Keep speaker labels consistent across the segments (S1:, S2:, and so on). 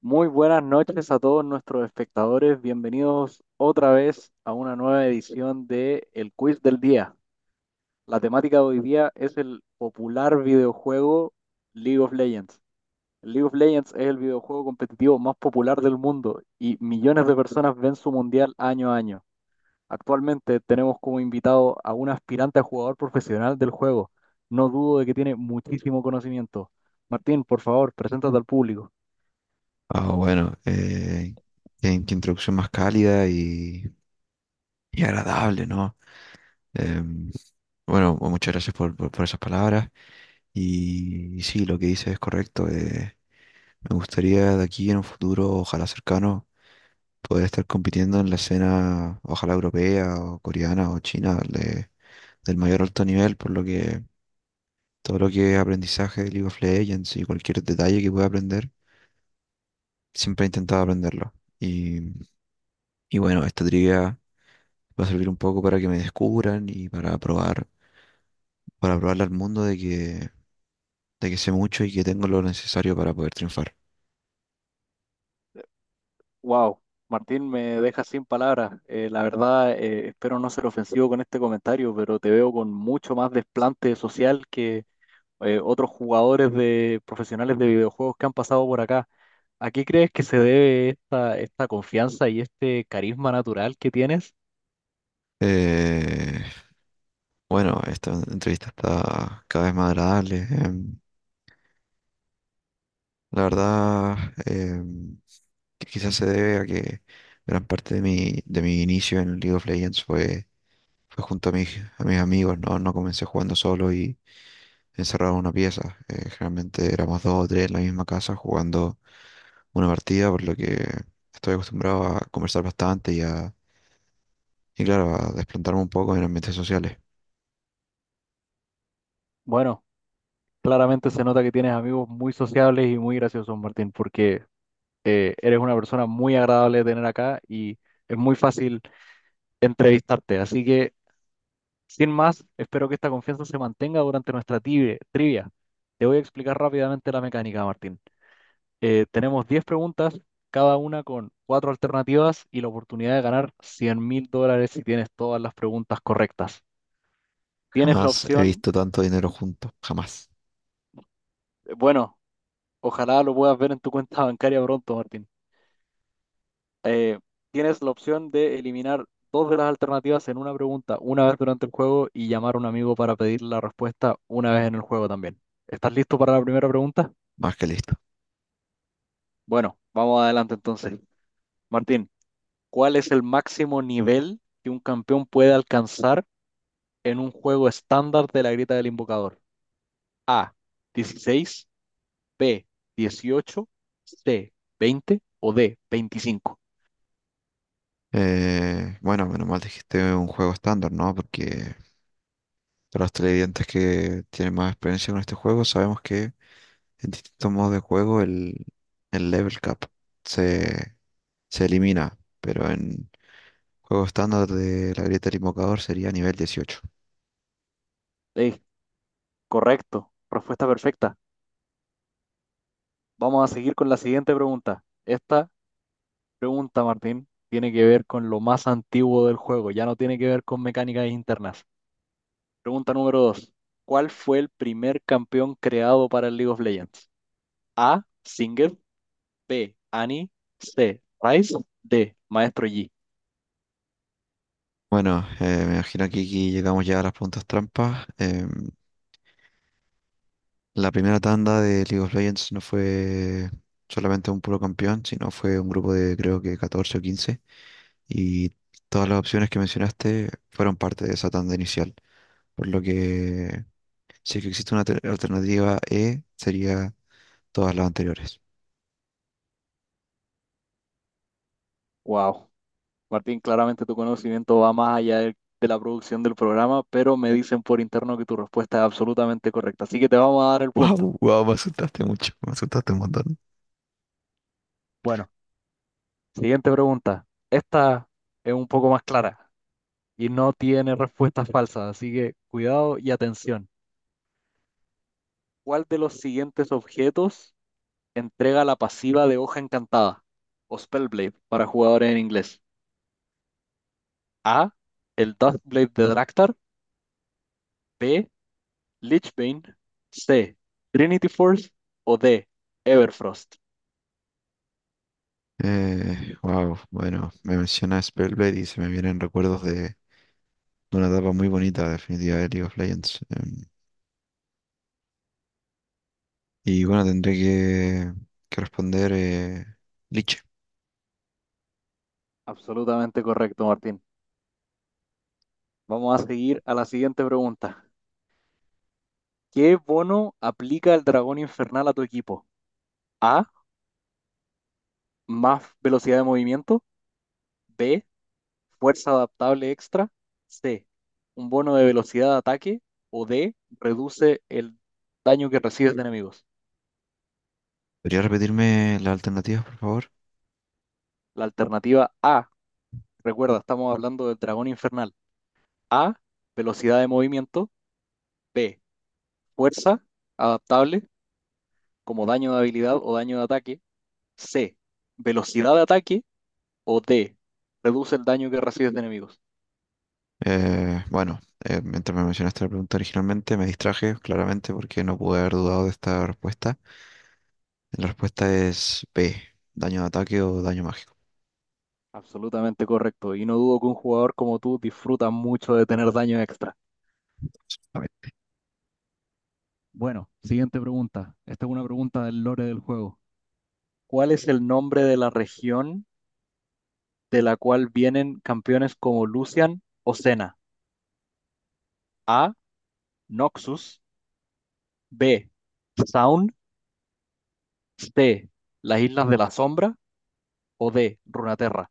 S1: Muy buenas noches a todos nuestros espectadores. Bienvenidos otra vez a una nueva edición de El Quiz del Día. La temática de hoy día es el popular videojuego League of Legends. League of Legends es el videojuego competitivo más popular del mundo y millones de personas ven su mundial año a año. Actualmente tenemos como invitado a un aspirante a jugador profesional del juego. No dudo de que tiene muchísimo conocimiento. Martín, por favor, preséntate al público.
S2: Ah, bueno, qué introducción más cálida y agradable, ¿no? Em, bueno, muchas gracias por esas palabras. Y sí, lo que dices es correcto. Me gustaría de aquí en un futuro, ojalá cercano, poder estar compitiendo en la escena, ojalá europea o coreana o china, del mayor alto nivel, por lo que todo lo que es aprendizaje de League of Legends y cualquier detalle que pueda aprender, siempre he intentado aprenderlo. Y, y bueno, esta trivia. Va a servir un poco para que me descubran y para probarle al mundo de que sé mucho y que tengo lo necesario para poder triunfar.
S1: Wow, Martín, me deja sin palabras. La verdad, espero no ser ofensivo con este comentario, pero te veo con mucho más desplante social que otros jugadores de profesionales de videojuegos que han pasado por acá. ¿A qué crees que se debe esta confianza y este carisma natural que tienes?
S2: Eh, bueno, esta entrevista está cada vez más agradable. La verdad, em, que quizás se debe a que gran parte de mi, inicio en League of Legends fue junto a mis amigos, ¿no? No comencé jugando solo y encerrado en una pieza. Generalmente éramos dos o tres en la misma casa jugando una partida, por lo que estoy acostumbrado a conversar bastante y claro, a desplantarme un poco en ambientes sociales.
S1: Bueno, claramente se nota que tienes amigos muy sociables y muy graciosos, Martín, porque eres una persona muy agradable de tener acá y es muy fácil entrevistarte. Así que, sin más, espero que esta confianza se mantenga durante nuestra trivia. Te voy a explicar rápidamente la mecánica, Martín. Tenemos 10 preguntas, cada una con cuatro alternativas y la oportunidad de ganar $100.000 si tienes todas las preguntas correctas. Tienes la
S2: Jamás he
S1: opción,
S2: visto tanto dinero junto, jamás.
S1: bueno, ojalá lo puedas ver en tu cuenta bancaria pronto, Martín. Eh, Tienes la opción de eliminar dos de las alternativas en una pregunta una vez durante el juego y llamar a un amigo para pedir la respuesta una vez en el juego también. ¿Estás listo para la primera pregunta?
S2: Más que listo.
S1: Bueno, vamos adelante entonces. Martín, ¿cuál es el máximo nivel que un campeón puede alcanzar en un juego estándar de la Grieta del Invocador? A, 16. B, 18. C, 20. O D, 25.
S2: Bueno, menos mal dijiste un juego estándar, ¿no? Porque para los televidentes que tienen más experiencia con este juego, sabemos que en distintos modos de juego, el, level cap se, se elimina, pero en juego estándar de la grieta del invocador sería nivel 18.
S1: Ey, correcto, respuesta perfecta. Vamos a seguir con la siguiente pregunta. Esta pregunta, Martín, tiene que ver con lo más antiguo del juego, ya no tiene que ver con mecánicas internas. Pregunta número 2: ¿cuál fue el primer campeón creado para el League of Legends? A. Singer. B. Annie. C. Rice. D. Maestro Yi.
S2: Bueno, me imagino que aquí llegamos ya a las preguntas trampas. La primera tanda de League of Legends no fue solamente un puro campeón, sino fue un grupo de creo que 14 o 15, y todas las opciones que mencionaste fueron parte de esa tanda inicial. Por lo que, si es que existe una alternativa E, sería todas las anteriores.
S1: Wow. Martín, claramente tu conocimiento va más allá de la producción del programa, pero me dicen por interno que tu respuesta es absolutamente correcta. Así que te vamos a dar el punto.
S2: Wow, wow, me asustaste mucho, me asustaste un montón.
S1: Bueno, siguiente pregunta. Esta es un poco más clara y no tiene respuestas falsas, así que cuidado y atención. ¿Cuál de los siguientes objetos entrega la pasiva de Hoja Encantada o Spellblade para jugadores en inglés? A. El Dustblade de Draktar. B. Lichbane. C. Trinity Force. O D. Everfrost.
S2: Wow, bueno, me menciona Spellblade y se me vienen recuerdos de, una etapa muy bonita, definitiva, de League of Legends. Y bueno, tendré que, responder, Liche.
S1: Absolutamente correcto, Martín. Vamos a seguir a la siguiente pregunta. ¿Qué bono aplica el dragón infernal a tu equipo? A. Más velocidad de movimiento. B. Fuerza adaptable extra. C. Un bono de velocidad de ataque. O D. Reduce el daño que recibes de enemigos.
S2: ¿Podría repetirme las alternativas, por favor?
S1: La alternativa A. Recuerda, estamos hablando del dragón infernal. A. Velocidad de movimiento. B. Fuerza adaptable como daño de habilidad o daño de ataque. C. Velocidad de ataque. O D, reduce el daño que recibes de enemigos.
S2: Bueno, mientras me mencionaste la pregunta originalmente, me distraje claramente porque no pude haber dudado de esta respuesta. La respuesta es B, daño de ataque o daño mágico.
S1: Absolutamente correcto. Y no dudo que un jugador como tú disfruta mucho de tener daño extra.
S2: A ver.
S1: Bueno, siguiente pregunta. Esta es una pregunta del lore del juego. ¿Cuál es el nombre de la región de la cual vienen campeones como Lucian o Senna? A. Noxus. B. Zaun. D, las Islas de la Sombra, o D, Runaterra.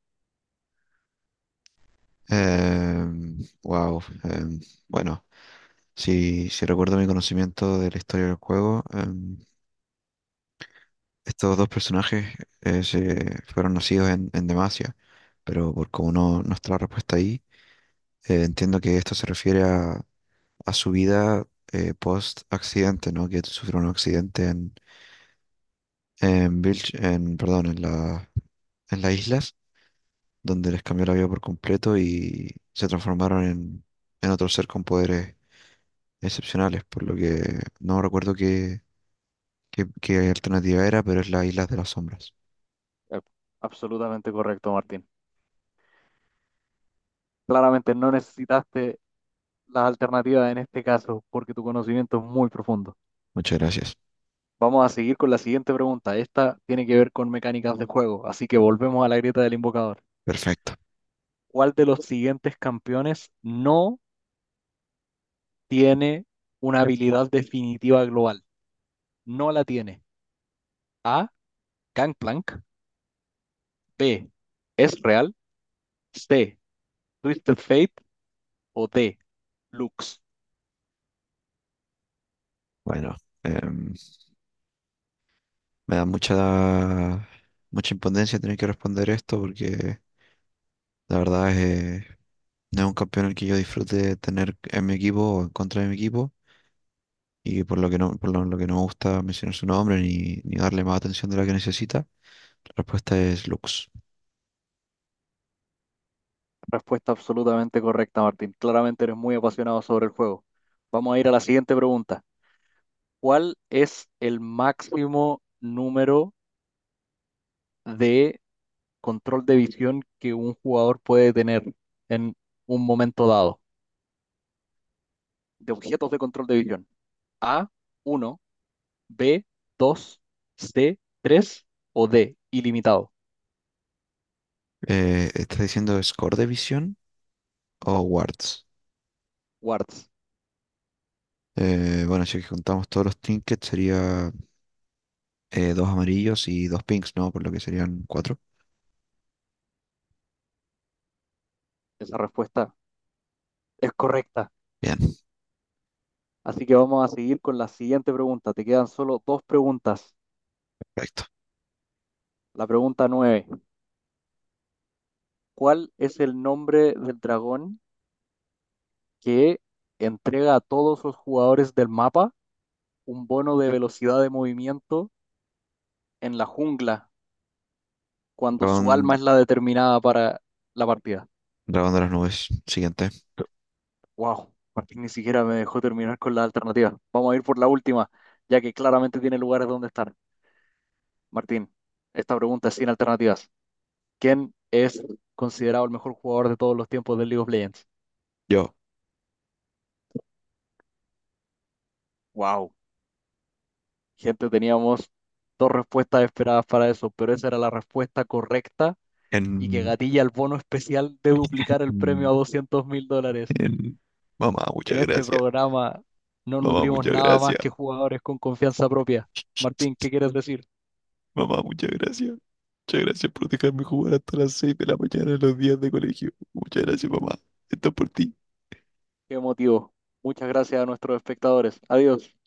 S2: Wow, bueno, si, si recuerdo mi conocimiento de la historia del juego, estos dos personajes, se fueron nacidos en, Demacia, pero por como no, no está la respuesta ahí, entiendo que esto se refiere a, su vida post accidente, ¿no? Que sufrió un accidente en, perdón, en en las islas, donde les cambió la vida por completo y se transformaron en, otro ser con poderes excepcionales, por lo que no recuerdo qué alternativa era, pero es la islas de las Sombras.
S1: Eh, Absolutamente correcto, Martín. Claramente no necesitaste las alternativas en este caso porque tu conocimiento es muy profundo.
S2: Muchas gracias.
S1: Vamos a seguir con la siguiente pregunta. Esta tiene que ver con mecánicas de juego, así que volvemos a la grieta del invocador.
S2: Perfecto.
S1: ¿Cuál de los siguientes campeones no tiene una habilidad definitiva global? No la tiene. A, Gangplank. B, Ezreal. C, Twisted Fate. O D, Lux.
S2: Bueno, em, me da mucha, mucha impotencia tener que responder esto porque la verdad es, eh, no es un campeón el que yo disfrute tener en mi equipo o en contra de mi equipo. Y por lo que no me gusta mencionar su nombre ni darle más atención de la que necesita, la respuesta es Lux.
S1: Respuesta absolutamente correcta, Martín. Claramente eres muy apasionado sobre el juego. Vamos a ir a la siguiente pregunta. ¿Cuál es el máximo número de control de visión que un jugador puede tener en un momento dado? De objetos de control de visión. A, uno. B, 2. C, 3. O D, ilimitado.
S2: ¿Estás diciendo Score de visión o Wards?
S1: Wards.
S2: Bueno, si contamos todos los trinkets sería, dos amarillos y dos pinks, ¿no? Por lo que serían cuatro.
S1: Esa respuesta es correcta.
S2: Bien,
S1: Así que vamos a seguir con la siguiente pregunta. Te quedan solo dos preguntas.
S2: perfecto.
S1: La pregunta nueve: ¿cuál es el nombre del dragón que entrega a todos los jugadores del mapa un bono de velocidad de movimiento en la jungla cuando su
S2: Dragón,
S1: alma es la determinada para la partida?
S2: dragón de las nubes. Siguiente.
S1: Wow, Martín ni siquiera me dejó terminar con la alternativa. Vamos a ir por la última, ya que claramente tiene lugares donde estar. Martín, esta pregunta es sin alternativas. ¿Quién es considerado el mejor jugador de todos los tiempos del League of Legends?
S2: Yo.
S1: Wow. Gente, teníamos dos respuestas esperadas para eso, pero esa era la respuesta correcta y que
S2: En,
S1: gatilla el bono especial de duplicar el premio a $200.000.
S2: en... Mamá,
S1: En
S2: muchas
S1: este
S2: gracias.
S1: programa no
S2: Mamá,
S1: nutrimos
S2: muchas
S1: nada
S2: gracias.
S1: más que jugadores con confianza propia. Martín, ¿qué quieres decir?
S2: Mamá, muchas gracias. Muchas gracias por dejarme jugar hasta las 6 de la mañana en los días de colegio. Muchas gracias, mamá. Esto es por ti.
S1: Qué emotivo. Muchas gracias a nuestros espectadores. Adiós.